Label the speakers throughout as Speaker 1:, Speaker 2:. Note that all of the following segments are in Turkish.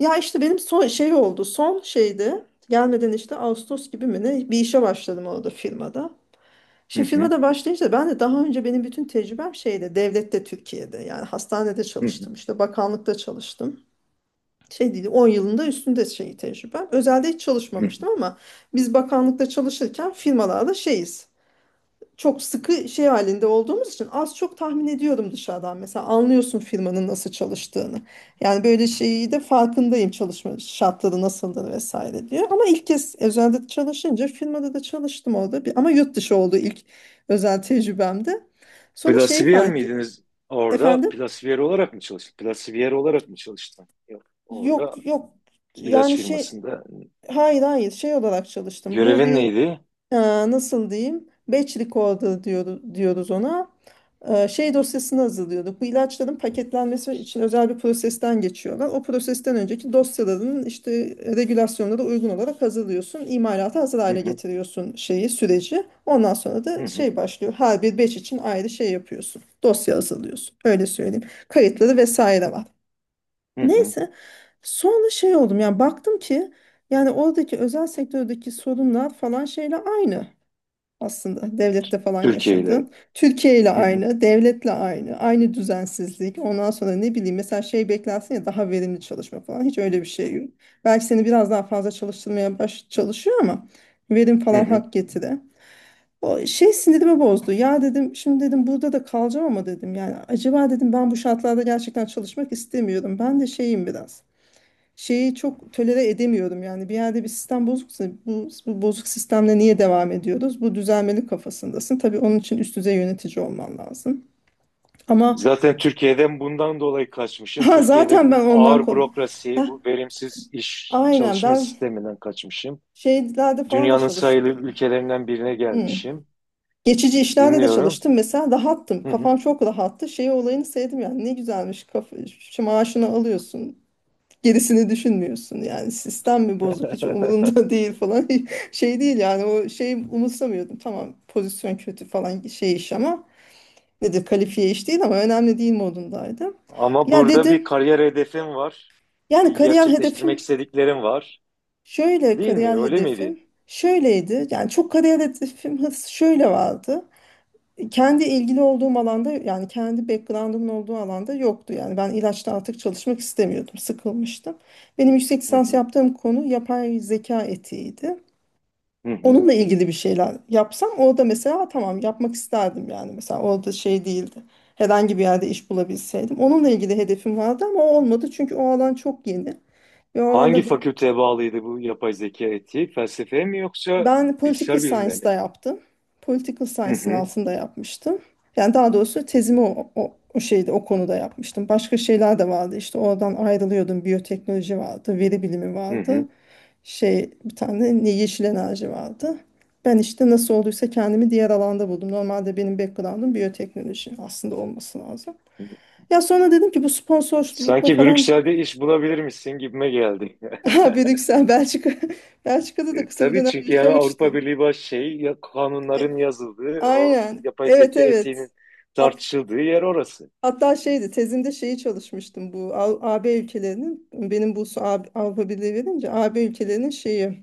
Speaker 1: Ya işte benim son şey oldu. Son şeydi. Gelmeden işte Ağustos gibi mi ne bir işe başladım orada firmada.
Speaker 2: Hı
Speaker 1: Şimdi
Speaker 2: hı,
Speaker 1: firmada başlayınca ben de daha önce benim bütün tecrübem şeyde devlette Türkiye'de yani hastanede
Speaker 2: hı hı,
Speaker 1: çalıştım işte bakanlıkta çalıştım. Şey değil 10 yılında üstünde şey tecrübem. Özelde hiç
Speaker 2: hı
Speaker 1: çalışmamıştım ama biz bakanlıkta çalışırken firmalarda şeyiz çok sıkı şey halinde olduğumuz için az çok tahmin ediyorum dışarıdan. Mesela anlıyorsun firmanın nasıl çalıştığını. Yani böyle şeyi de farkındayım çalışma şartları nasıldır vesaire diye. Ama ilk kez özelde çalışınca firmada da çalıştım orada. Bir, ama yurt dışı oldu ilk özel tecrübemde. Sonra şeyi
Speaker 2: Plasiver
Speaker 1: fark
Speaker 2: miydiniz orada?
Speaker 1: efendim
Speaker 2: Plasiver olarak mı çalıştın? Plasiver olarak mı çalıştın? Yok. Orada
Speaker 1: yok yok
Speaker 2: ilaç
Speaker 1: yani şey
Speaker 2: firmasında.
Speaker 1: hayır hayır şey olarak çalıştım. Bu
Speaker 2: Görevin
Speaker 1: bir
Speaker 2: neydi?
Speaker 1: Nasıl diyeyim? Batch recorder diyoruz ona. Şey dosyasını hazırlıyorduk. Bu ilaçların paketlenmesi için özel bir prosesten geçiyorlar. O prosesten önceki dosyaların işte regülasyonlara uygun olarak hazırlıyorsun. İmalata hazır
Speaker 2: Hı
Speaker 1: hale
Speaker 2: hı,
Speaker 1: getiriyorsun şeyi, süreci. Ondan sonra
Speaker 2: hı
Speaker 1: da
Speaker 2: hı,
Speaker 1: şey başlıyor. Her bir batch için ayrı şey yapıyorsun. Dosya hazırlıyorsun. Öyle söyleyeyim. Kayıtları vesaire var.
Speaker 2: hı hı.
Speaker 1: Neyse sonra şey oldum yani baktım ki yani oradaki özel sektördeki sorunlar falan şeyle aynı. Aslında devlette falan
Speaker 2: Türkiye ile.
Speaker 1: yaşadın. Türkiye ile
Speaker 2: Hı hı,
Speaker 1: aynı, devletle aynı, aynı düzensizlik. Ondan sonra ne bileyim mesela şey beklersin ya daha verimli çalışma falan. Hiç öyle bir şey yok. Belki seni biraz daha fazla çalıştırmaya baş çalışıyor ama verim
Speaker 2: hı
Speaker 1: falan
Speaker 2: hı.
Speaker 1: hak getire. O şey sinirimi bozdu. Ya dedim şimdi dedim burada da kalacağım ama dedim yani acaba dedim ben bu şartlarda gerçekten çalışmak istemiyorum. Ben de şeyim biraz şeyi çok tolere edemiyorum yani bir yerde bir sistem bozuksa bu bozuk sistemle niye devam ediyoruz? Bu düzelmeli kafasındasın. Tabii onun için üst düzey yönetici olman lazım. Ama
Speaker 2: Zaten Türkiye'den bundan dolayı kaçmışım.
Speaker 1: ha,
Speaker 2: Türkiye'de
Speaker 1: zaten ben
Speaker 2: bu
Speaker 1: ondan
Speaker 2: ağır
Speaker 1: kon-
Speaker 2: bürokrasi,
Speaker 1: Heh,
Speaker 2: bu verimsiz iş
Speaker 1: aynen
Speaker 2: çalışma
Speaker 1: ben
Speaker 2: sisteminden kaçmışım.
Speaker 1: şeylerde falan da
Speaker 2: Dünyanın sayılı
Speaker 1: çalıştım.
Speaker 2: ülkelerinden birine
Speaker 1: Hmm.
Speaker 2: gelmişim.
Speaker 1: Geçici işlerde de
Speaker 2: Dinliyorum.
Speaker 1: çalıştım mesela rahattım.
Speaker 2: Hı hı.
Speaker 1: Kafam çok rahattı. Şey olayını sevdim yani ne güzelmiş. Kafa, şu maaşını alıyorsun. Gerisini düşünmüyorsun yani sistem mi bozuk hiç umurunda değil falan şey değil yani o şeyi umursamıyordum tamam pozisyon kötü falan şey iş ama nedir kalifiye iş değil ama önemli değil modundaydım
Speaker 2: Ama
Speaker 1: ya
Speaker 2: burada bir
Speaker 1: dedim
Speaker 2: kariyer hedefim var.
Speaker 1: yani
Speaker 2: Bir
Speaker 1: kariyer
Speaker 2: gerçekleştirmek
Speaker 1: hedefim
Speaker 2: istediklerim var.
Speaker 1: şöyle
Speaker 2: Değil mi?
Speaker 1: kariyer
Speaker 2: Öyle miydi?
Speaker 1: hedefim şöyleydi yani çok kariyer hedefim hırs şöyle vardı kendi ilgili olduğum alanda yani kendi background'ımın olduğu alanda yoktu. Yani ben ilaçta artık çalışmak istemiyordum, sıkılmıştım. Benim yüksek
Speaker 2: Hı
Speaker 1: lisans
Speaker 2: hı.
Speaker 1: yaptığım konu yapay zeka etiğiydi.
Speaker 2: Hı hı.
Speaker 1: Onunla ilgili bir şeyler yapsam orada mesela tamam yapmak isterdim yani mesela orada şey değildi. Herhangi bir yerde iş bulabilseydim. Onunla ilgili hedefim vardı ama o olmadı çünkü o alan çok yeni ve o
Speaker 2: Hangi
Speaker 1: alanda
Speaker 2: fakülteye bağlıydı bu yapay zeka etiği? Felsefeye mi yoksa
Speaker 1: ben political
Speaker 2: bilgisayar bilimlerine
Speaker 1: science'da
Speaker 2: mi?
Speaker 1: yaptım. Political
Speaker 2: Hı
Speaker 1: science'ın
Speaker 2: hı.
Speaker 1: altında yapmıştım. Yani daha doğrusu tezimi o şeyde o konuda yapmıştım. Başka şeyler de vardı işte oradan ayrılıyordum. Biyoteknoloji vardı, veri bilimi
Speaker 2: Hı
Speaker 1: vardı.
Speaker 2: hı.
Speaker 1: Şey bir tane ne yeşil enerji vardı. Ben işte nasıl olduysa kendimi diğer alanda buldum. Normalde benim background'um biyoteknoloji aslında olması lazım. Ya sonra dedim ki bu sponsorlukla
Speaker 2: Sanki
Speaker 1: falan
Speaker 2: Brüksel'de iş bulabilir misin gibime geldi.
Speaker 1: ha, Brüksel, Belçika. Belçika'da da kısa bir
Speaker 2: Tabii,
Speaker 1: dönem
Speaker 2: çünkü yani Avrupa
Speaker 1: yaşamıştım.
Speaker 2: Birliği baş şey ya, kanunların
Speaker 1: E,
Speaker 2: yazıldığı, o
Speaker 1: Aynen.
Speaker 2: yapay
Speaker 1: Evet
Speaker 2: zeka
Speaker 1: evet.
Speaker 2: etiğinin
Speaker 1: Hat,
Speaker 2: tartışıldığı yer orası.
Speaker 1: hatta şeydi tezimde şeyi çalışmıştım bu A- AB ülkelerinin benim bu su- A- Avrupa Birliği verince AB ülkelerinin şeyi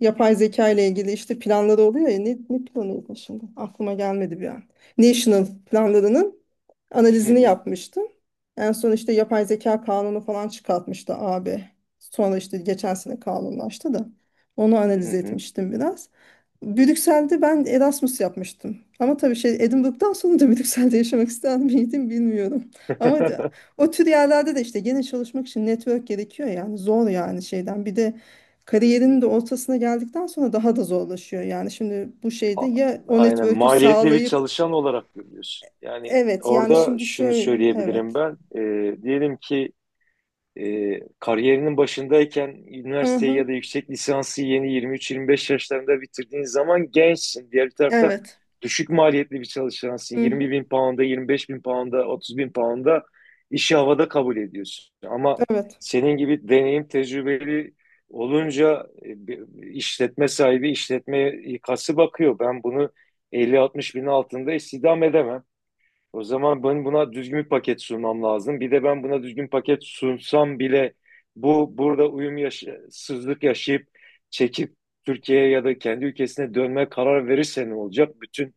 Speaker 1: yapay zeka ile ilgili işte planları oluyor ya ne planıydı şimdi aklıma gelmedi bir an. National planlarının
Speaker 2: Hı
Speaker 1: analizini
Speaker 2: hı.
Speaker 1: yapmıştım. En son işte yapay zeka kanunu falan çıkartmıştı AB. Sonra işte geçen sene kanunlaştı da onu
Speaker 2: Hı
Speaker 1: analiz
Speaker 2: hı.
Speaker 1: etmiştim biraz. Brüksel'de ben Erasmus yapmıştım. Ama tabii şey Edinburgh'dan sonra da Brüksel'de yaşamak ister miydim bilmiyorum. Ama de- o tür yerlerde de işte gene çalışmak için network gerekiyor yani zor yani şeyden. Bir de kariyerinin de ortasına geldikten sonra daha da zorlaşıyor. Yani şimdi bu şeyde
Speaker 2: A-
Speaker 1: ya o
Speaker 2: Aynen,
Speaker 1: network'ü
Speaker 2: maliyetli bir
Speaker 1: sağlayıp
Speaker 2: çalışan olarak görüyorsun. Yani
Speaker 1: evet yani
Speaker 2: orada
Speaker 1: şimdi
Speaker 2: şunu
Speaker 1: şöyle
Speaker 2: söyleyebilirim
Speaker 1: evet.
Speaker 2: ben. Diyelim ki kariyerinin başındayken
Speaker 1: Hı
Speaker 2: üniversiteyi
Speaker 1: hı.
Speaker 2: ya da yüksek lisansı yeni 23-25 yaşlarında bitirdiğin zaman gençsin. Diğer bir tarafta
Speaker 1: Evet.
Speaker 2: düşük maliyetli bir çalışansın.
Speaker 1: Hı
Speaker 2: 20
Speaker 1: hı.
Speaker 2: bin pound'a, 25 bin pound'a, 30 bin pound'a işi havada kabul ediyorsun. Ama
Speaker 1: Evet.
Speaker 2: senin gibi deneyim tecrübeli olunca bir işletme sahibi, işletme ikası bakıyor. Ben bunu 50-60 bin altında istihdam edemem. O zaman ben buna düzgün bir paket sunmam lazım. Bir de ben buna düzgün paket sunsam bile bu burada sızlık yaşayıp çekip Türkiye'ye ya da kendi ülkesine dönme karar verirse ne olacak? Bütün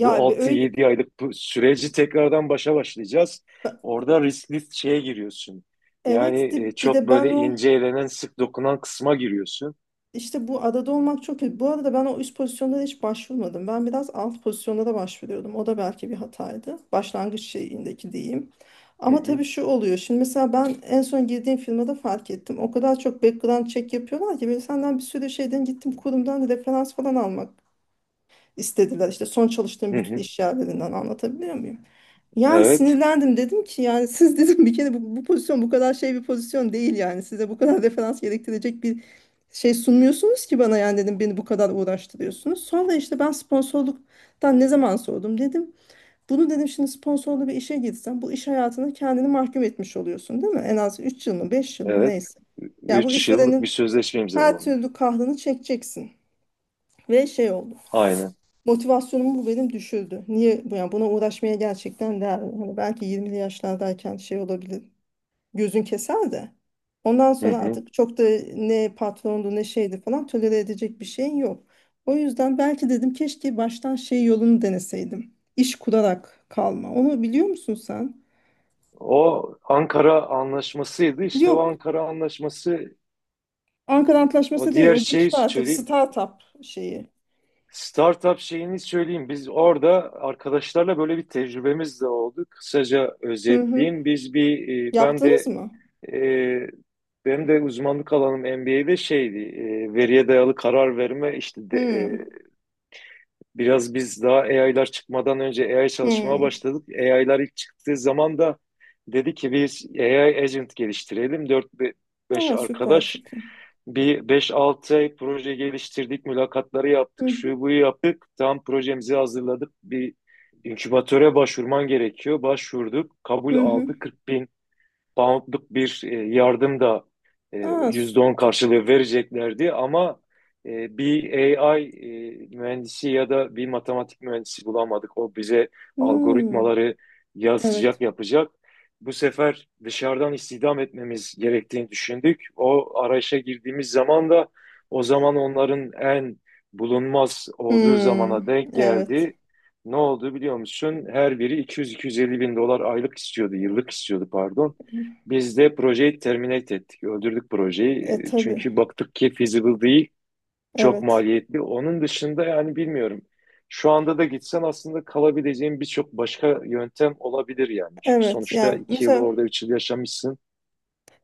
Speaker 2: bu
Speaker 1: bir
Speaker 2: altı
Speaker 1: öyle
Speaker 2: yedi aylık bu süreci tekrardan başa başlayacağız.
Speaker 1: ba-
Speaker 2: Orada riskli şeye giriyorsun.
Speaker 1: evet
Speaker 2: Yani
Speaker 1: de, bir
Speaker 2: çok
Speaker 1: de ben
Speaker 2: böyle
Speaker 1: o
Speaker 2: ince elenen, sık dokunan kısma giriyorsun.
Speaker 1: İşte bu adada olmak çok kötü. Bu arada ben o üst pozisyonlara hiç başvurmadım. Ben biraz alt pozisyonlara başvuruyordum. O da belki bir hataydı. Başlangıç şeyindeki diyeyim.
Speaker 2: Hı
Speaker 1: Ama
Speaker 2: hı,
Speaker 1: tabii şu oluyor. Şimdi mesela ben en son girdiğim firmada fark ettim. O kadar çok background check yapıyorlar ki böyle senden bir sürü şeyden gittim kurumdan referans falan almak istediler. İşte son çalıştığım
Speaker 2: hı
Speaker 1: bütün
Speaker 2: hı.
Speaker 1: iş yerlerinden anlatabiliyor muyum? Yani
Speaker 2: Evet,
Speaker 1: sinirlendim dedim ki yani siz dedim bir kere bu pozisyon bu kadar şey bir pozisyon değil yani size bu kadar referans gerektirecek bir şey sunmuyorsunuz ki bana yani dedim beni bu kadar uğraştırıyorsunuz. Sonra işte ben sponsorluktan ne zaman sordum dedim. Bunu dedim şimdi sponsorlu bir işe girsen bu iş hayatına kendini mahkum etmiş oluyorsun değil mi? En az 3 yıl mı 5 yıl mı
Speaker 2: evet.
Speaker 1: neyse. Ya bu
Speaker 2: 3 yıllık bir
Speaker 1: işverenin
Speaker 2: sözleşme
Speaker 1: her
Speaker 2: imzalamam.
Speaker 1: türlü kahrını çekeceksin. Ve şey oldu.
Speaker 2: Aynen.
Speaker 1: Motivasyonum bu benim düşürdü. Niye bu yani buna uğraşmaya gerçekten değer mi? Hani belki 20'li yaşlardayken şey olabilir. Gözün keser de. Ondan
Speaker 2: Hı
Speaker 1: sonra
Speaker 2: hı.
Speaker 1: artık çok da ne patrondu ne şeydi falan tolere edecek bir şeyin yok. O yüzden belki dedim keşke baştan şey yolunu deneseydim. İş kurarak kalma. Onu biliyor musun sen?
Speaker 2: O Ankara Anlaşması'ydı. İşte o
Speaker 1: Yok.
Speaker 2: Ankara Anlaşması,
Speaker 1: Ankara
Speaker 2: o
Speaker 1: Antlaşması değil.
Speaker 2: diğer
Speaker 1: O
Speaker 2: şeyi
Speaker 1: geçti artık
Speaker 2: söyleyeyim.
Speaker 1: startup şeyi.
Speaker 2: Startup şeyini söyleyeyim. Biz orada arkadaşlarla böyle bir tecrübemiz de oldu. Kısaca
Speaker 1: Hı hı.
Speaker 2: özetleyeyim. Ben
Speaker 1: Yaptınız
Speaker 2: de
Speaker 1: mı?
Speaker 2: e, benim de uzmanlık alanım MBA'de şeydi, veriye dayalı karar verme işte de,
Speaker 1: Hı.
Speaker 2: biraz biz daha AI'lar çıkmadan önce AI çalışmaya
Speaker 1: Hı.
Speaker 2: başladık. AI'lar ilk çıktığı zaman da dedi ki biz AI agent geliştirelim. Dört beş
Speaker 1: Ha, süper
Speaker 2: arkadaş
Speaker 1: fikir.
Speaker 2: bir beş 6 ay proje geliştirdik, mülakatları yaptık,
Speaker 1: Hı hı.
Speaker 2: şu buyu yaptık. Tam projemizi hazırladık. Bir inkübatöre başvurman gerekiyor. Başvurduk, kabul
Speaker 1: Hı hı.
Speaker 2: aldı. 40 poundluk bir yardım da
Speaker 1: Aa, s-
Speaker 2: %10 karşılığı vereceklerdi, ama bir AI mühendisi ya da bir matematik mühendisi bulamadık. O bize
Speaker 1: hmm,
Speaker 2: algoritmaları yazacak,
Speaker 1: evet.
Speaker 2: yapacak. Bu sefer dışarıdan istihdam etmemiz gerektiğini düşündük. O arayışa girdiğimiz zaman da o zaman onların en bulunmaz olduğu zamana
Speaker 1: Hmm,
Speaker 2: denk
Speaker 1: evet.
Speaker 2: geldi. Ne oldu biliyor musun? Her biri 200-250 bin dolar aylık istiyordu, yıllık istiyordu pardon. Biz de projeyi terminate ettik. Öldürdük
Speaker 1: E
Speaker 2: projeyi.
Speaker 1: tabii.
Speaker 2: Çünkü baktık ki feasible değil. Çok
Speaker 1: Evet.
Speaker 2: maliyetli. Onun dışında yani bilmiyorum. Şu anda da gitsen aslında kalabileceğin birçok başka yöntem olabilir yani. Çünkü
Speaker 1: Evet.
Speaker 2: sonuçta
Speaker 1: Ya
Speaker 2: 2 yıl
Speaker 1: mesela
Speaker 2: orada 3 yıl yaşamışsın.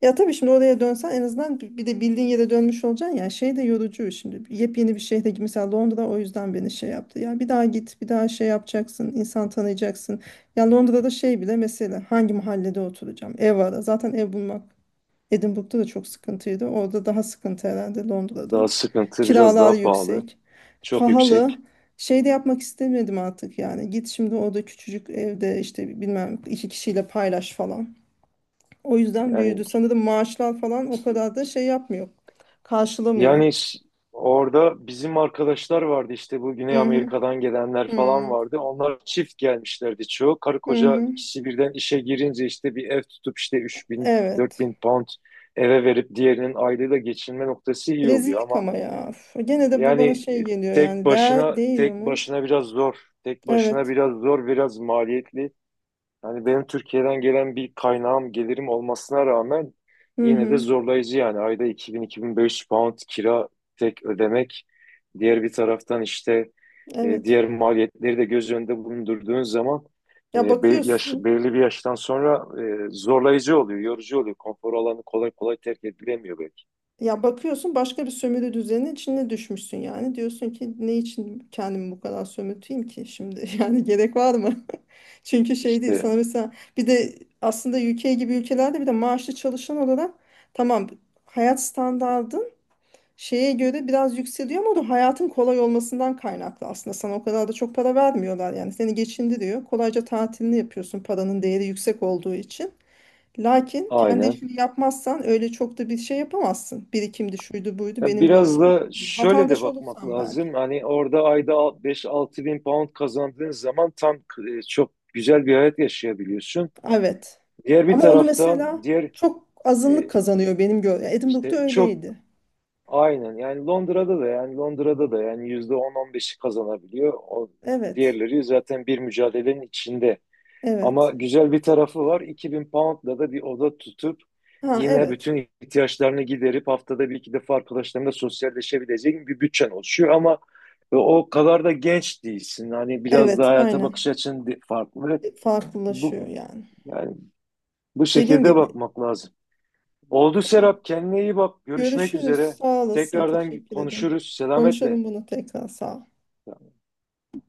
Speaker 1: ya tabii şimdi oraya dönsen en azından bi- bir de bildiğin yere dönmüş olacaksın ya şey de yorucu şimdi yepyeni bir şehre mesela Londra o yüzden beni şey yaptı ya bir daha git bir daha şey yapacaksın insan tanıyacaksın ya Londra'da şey bile mesela hangi mahallede oturacağım ev var zaten ev bulmak Edinburgh'da da çok sıkıntıydı. Orada daha sıkıntı herhalde Londra'da.
Speaker 2: Daha sıkıntı, biraz
Speaker 1: Kiralar
Speaker 2: daha pahalı.
Speaker 1: yüksek.
Speaker 2: Çok
Speaker 1: Pahalı.
Speaker 2: yüksek.
Speaker 1: Şey de yapmak istemedim artık yani. Git şimdi orada küçücük evde işte bilmem iki kişiyle paylaş falan. O yüzden
Speaker 2: Yani
Speaker 1: büyüdü. Sanırım maaşlar falan o kadar da şey yapmıyor. Karşılamıyor.
Speaker 2: Yani orada bizim arkadaşlar vardı, işte bu
Speaker 1: Hı
Speaker 2: Güney
Speaker 1: hı.
Speaker 2: Amerika'dan gelenler falan
Speaker 1: Hı
Speaker 2: vardı. Onlar çift gelmişlerdi çoğu. Karı
Speaker 1: hı.
Speaker 2: koca
Speaker 1: Hı.
Speaker 2: ikisi birden işe girince işte bir ev tutup işte üç bin dört
Speaker 1: Evet.
Speaker 2: bin pound eve verip diğerinin aylığıyla geçinme noktası iyi oluyor,
Speaker 1: Rezillik
Speaker 2: ama
Speaker 1: ama ya. Üf, gene de bu
Speaker 2: yani
Speaker 1: bana
Speaker 2: e,
Speaker 1: şey geliyor
Speaker 2: tek
Speaker 1: yani. Değer,
Speaker 2: başına,
Speaker 1: değiyor mu?
Speaker 2: biraz zor. Tek başına
Speaker 1: Evet.
Speaker 2: biraz zor, biraz maliyetli. Yani benim Türkiye'den gelen bir kaynağım, gelirim olmasına rağmen
Speaker 1: Hı
Speaker 2: yine de
Speaker 1: hı.
Speaker 2: zorlayıcı yani. Ayda 2.000-2.500 pound kira tek ödemek. Diğer bir taraftan işte
Speaker 1: Evet.
Speaker 2: diğer maliyetleri de göz önünde bulundurduğun zaman
Speaker 1: Ya bakıyorsun.
Speaker 2: belirli bir yaştan sonra zorlayıcı oluyor, yorucu oluyor. Konfor alanı kolay kolay terk edilemiyor belki.
Speaker 1: Ya bakıyorsun başka bir sömürü düzeninin içine düşmüşsün yani. Diyorsun ki ne için kendimi bu kadar sömürteyim ki şimdi? Yani gerek var mı? Çünkü şey değil.
Speaker 2: İşte
Speaker 1: Sana mesela bir de aslında ülke gibi ülkelerde bir de maaşlı çalışan olarak tamam hayat standardın şeye göre biraz yükseliyor ama o da hayatın kolay olmasından kaynaklı aslında. Sana o kadar da çok para vermiyorlar yani. Seni geçindiriyor. Kolayca tatilini yapıyorsun paranın değeri yüksek olduğu için. Lakin kendi
Speaker 2: aynen.
Speaker 1: işini yapmazsan öyle çok da bir şey yapamazsın. Birikimdi şuydu buydu
Speaker 2: Ya
Speaker 1: benim
Speaker 2: biraz
Speaker 1: gördüğüm.
Speaker 2: da şöyle de
Speaker 1: Vatandaş
Speaker 2: bakmak
Speaker 1: olursan belki.
Speaker 2: lazım. Hani orada ayda 5-6 bin pound kazandığın zaman tam çok güzel bir hayat yaşayabiliyorsun.
Speaker 1: Evet.
Speaker 2: Diğer bir
Speaker 1: Ama onu
Speaker 2: taraftan
Speaker 1: mesela çok azınlık
Speaker 2: e,
Speaker 1: kazanıyor benim gördüğüm. Edinburgh'da
Speaker 2: işte çok
Speaker 1: öyleydi.
Speaker 2: aynen yani Londra'da da yani %10-15'i kazanabiliyor. O
Speaker 1: Evet.
Speaker 2: diğerleri zaten bir mücadelenin içinde. Ama
Speaker 1: Evet.
Speaker 2: güzel bir tarafı var. 2000 poundla da bir oda tutup
Speaker 1: Ha
Speaker 2: yine
Speaker 1: evet.
Speaker 2: bütün ihtiyaçlarını giderip haftada bir iki defa arkadaşlarınla sosyalleşebileceğin bir bütçen oluşuyor. Ama o kadar da genç değilsin. Hani biraz da
Speaker 1: Evet
Speaker 2: hayata bakış
Speaker 1: aynen.
Speaker 2: açın farklı. Bu,
Speaker 1: Farklılaşıyor yani.
Speaker 2: yani bu
Speaker 1: Dediğin
Speaker 2: şekilde
Speaker 1: gibi.
Speaker 2: bakmak lazım. Oldu
Speaker 1: Evet.
Speaker 2: Serap, kendine iyi bak. Görüşmek
Speaker 1: Görüşürüz.
Speaker 2: üzere.
Speaker 1: Sağ olasın.
Speaker 2: Tekrardan
Speaker 1: Teşekkür ederim.
Speaker 2: konuşuruz. Selametle.
Speaker 1: Konuşalım bunu tekrar. Sağ ol.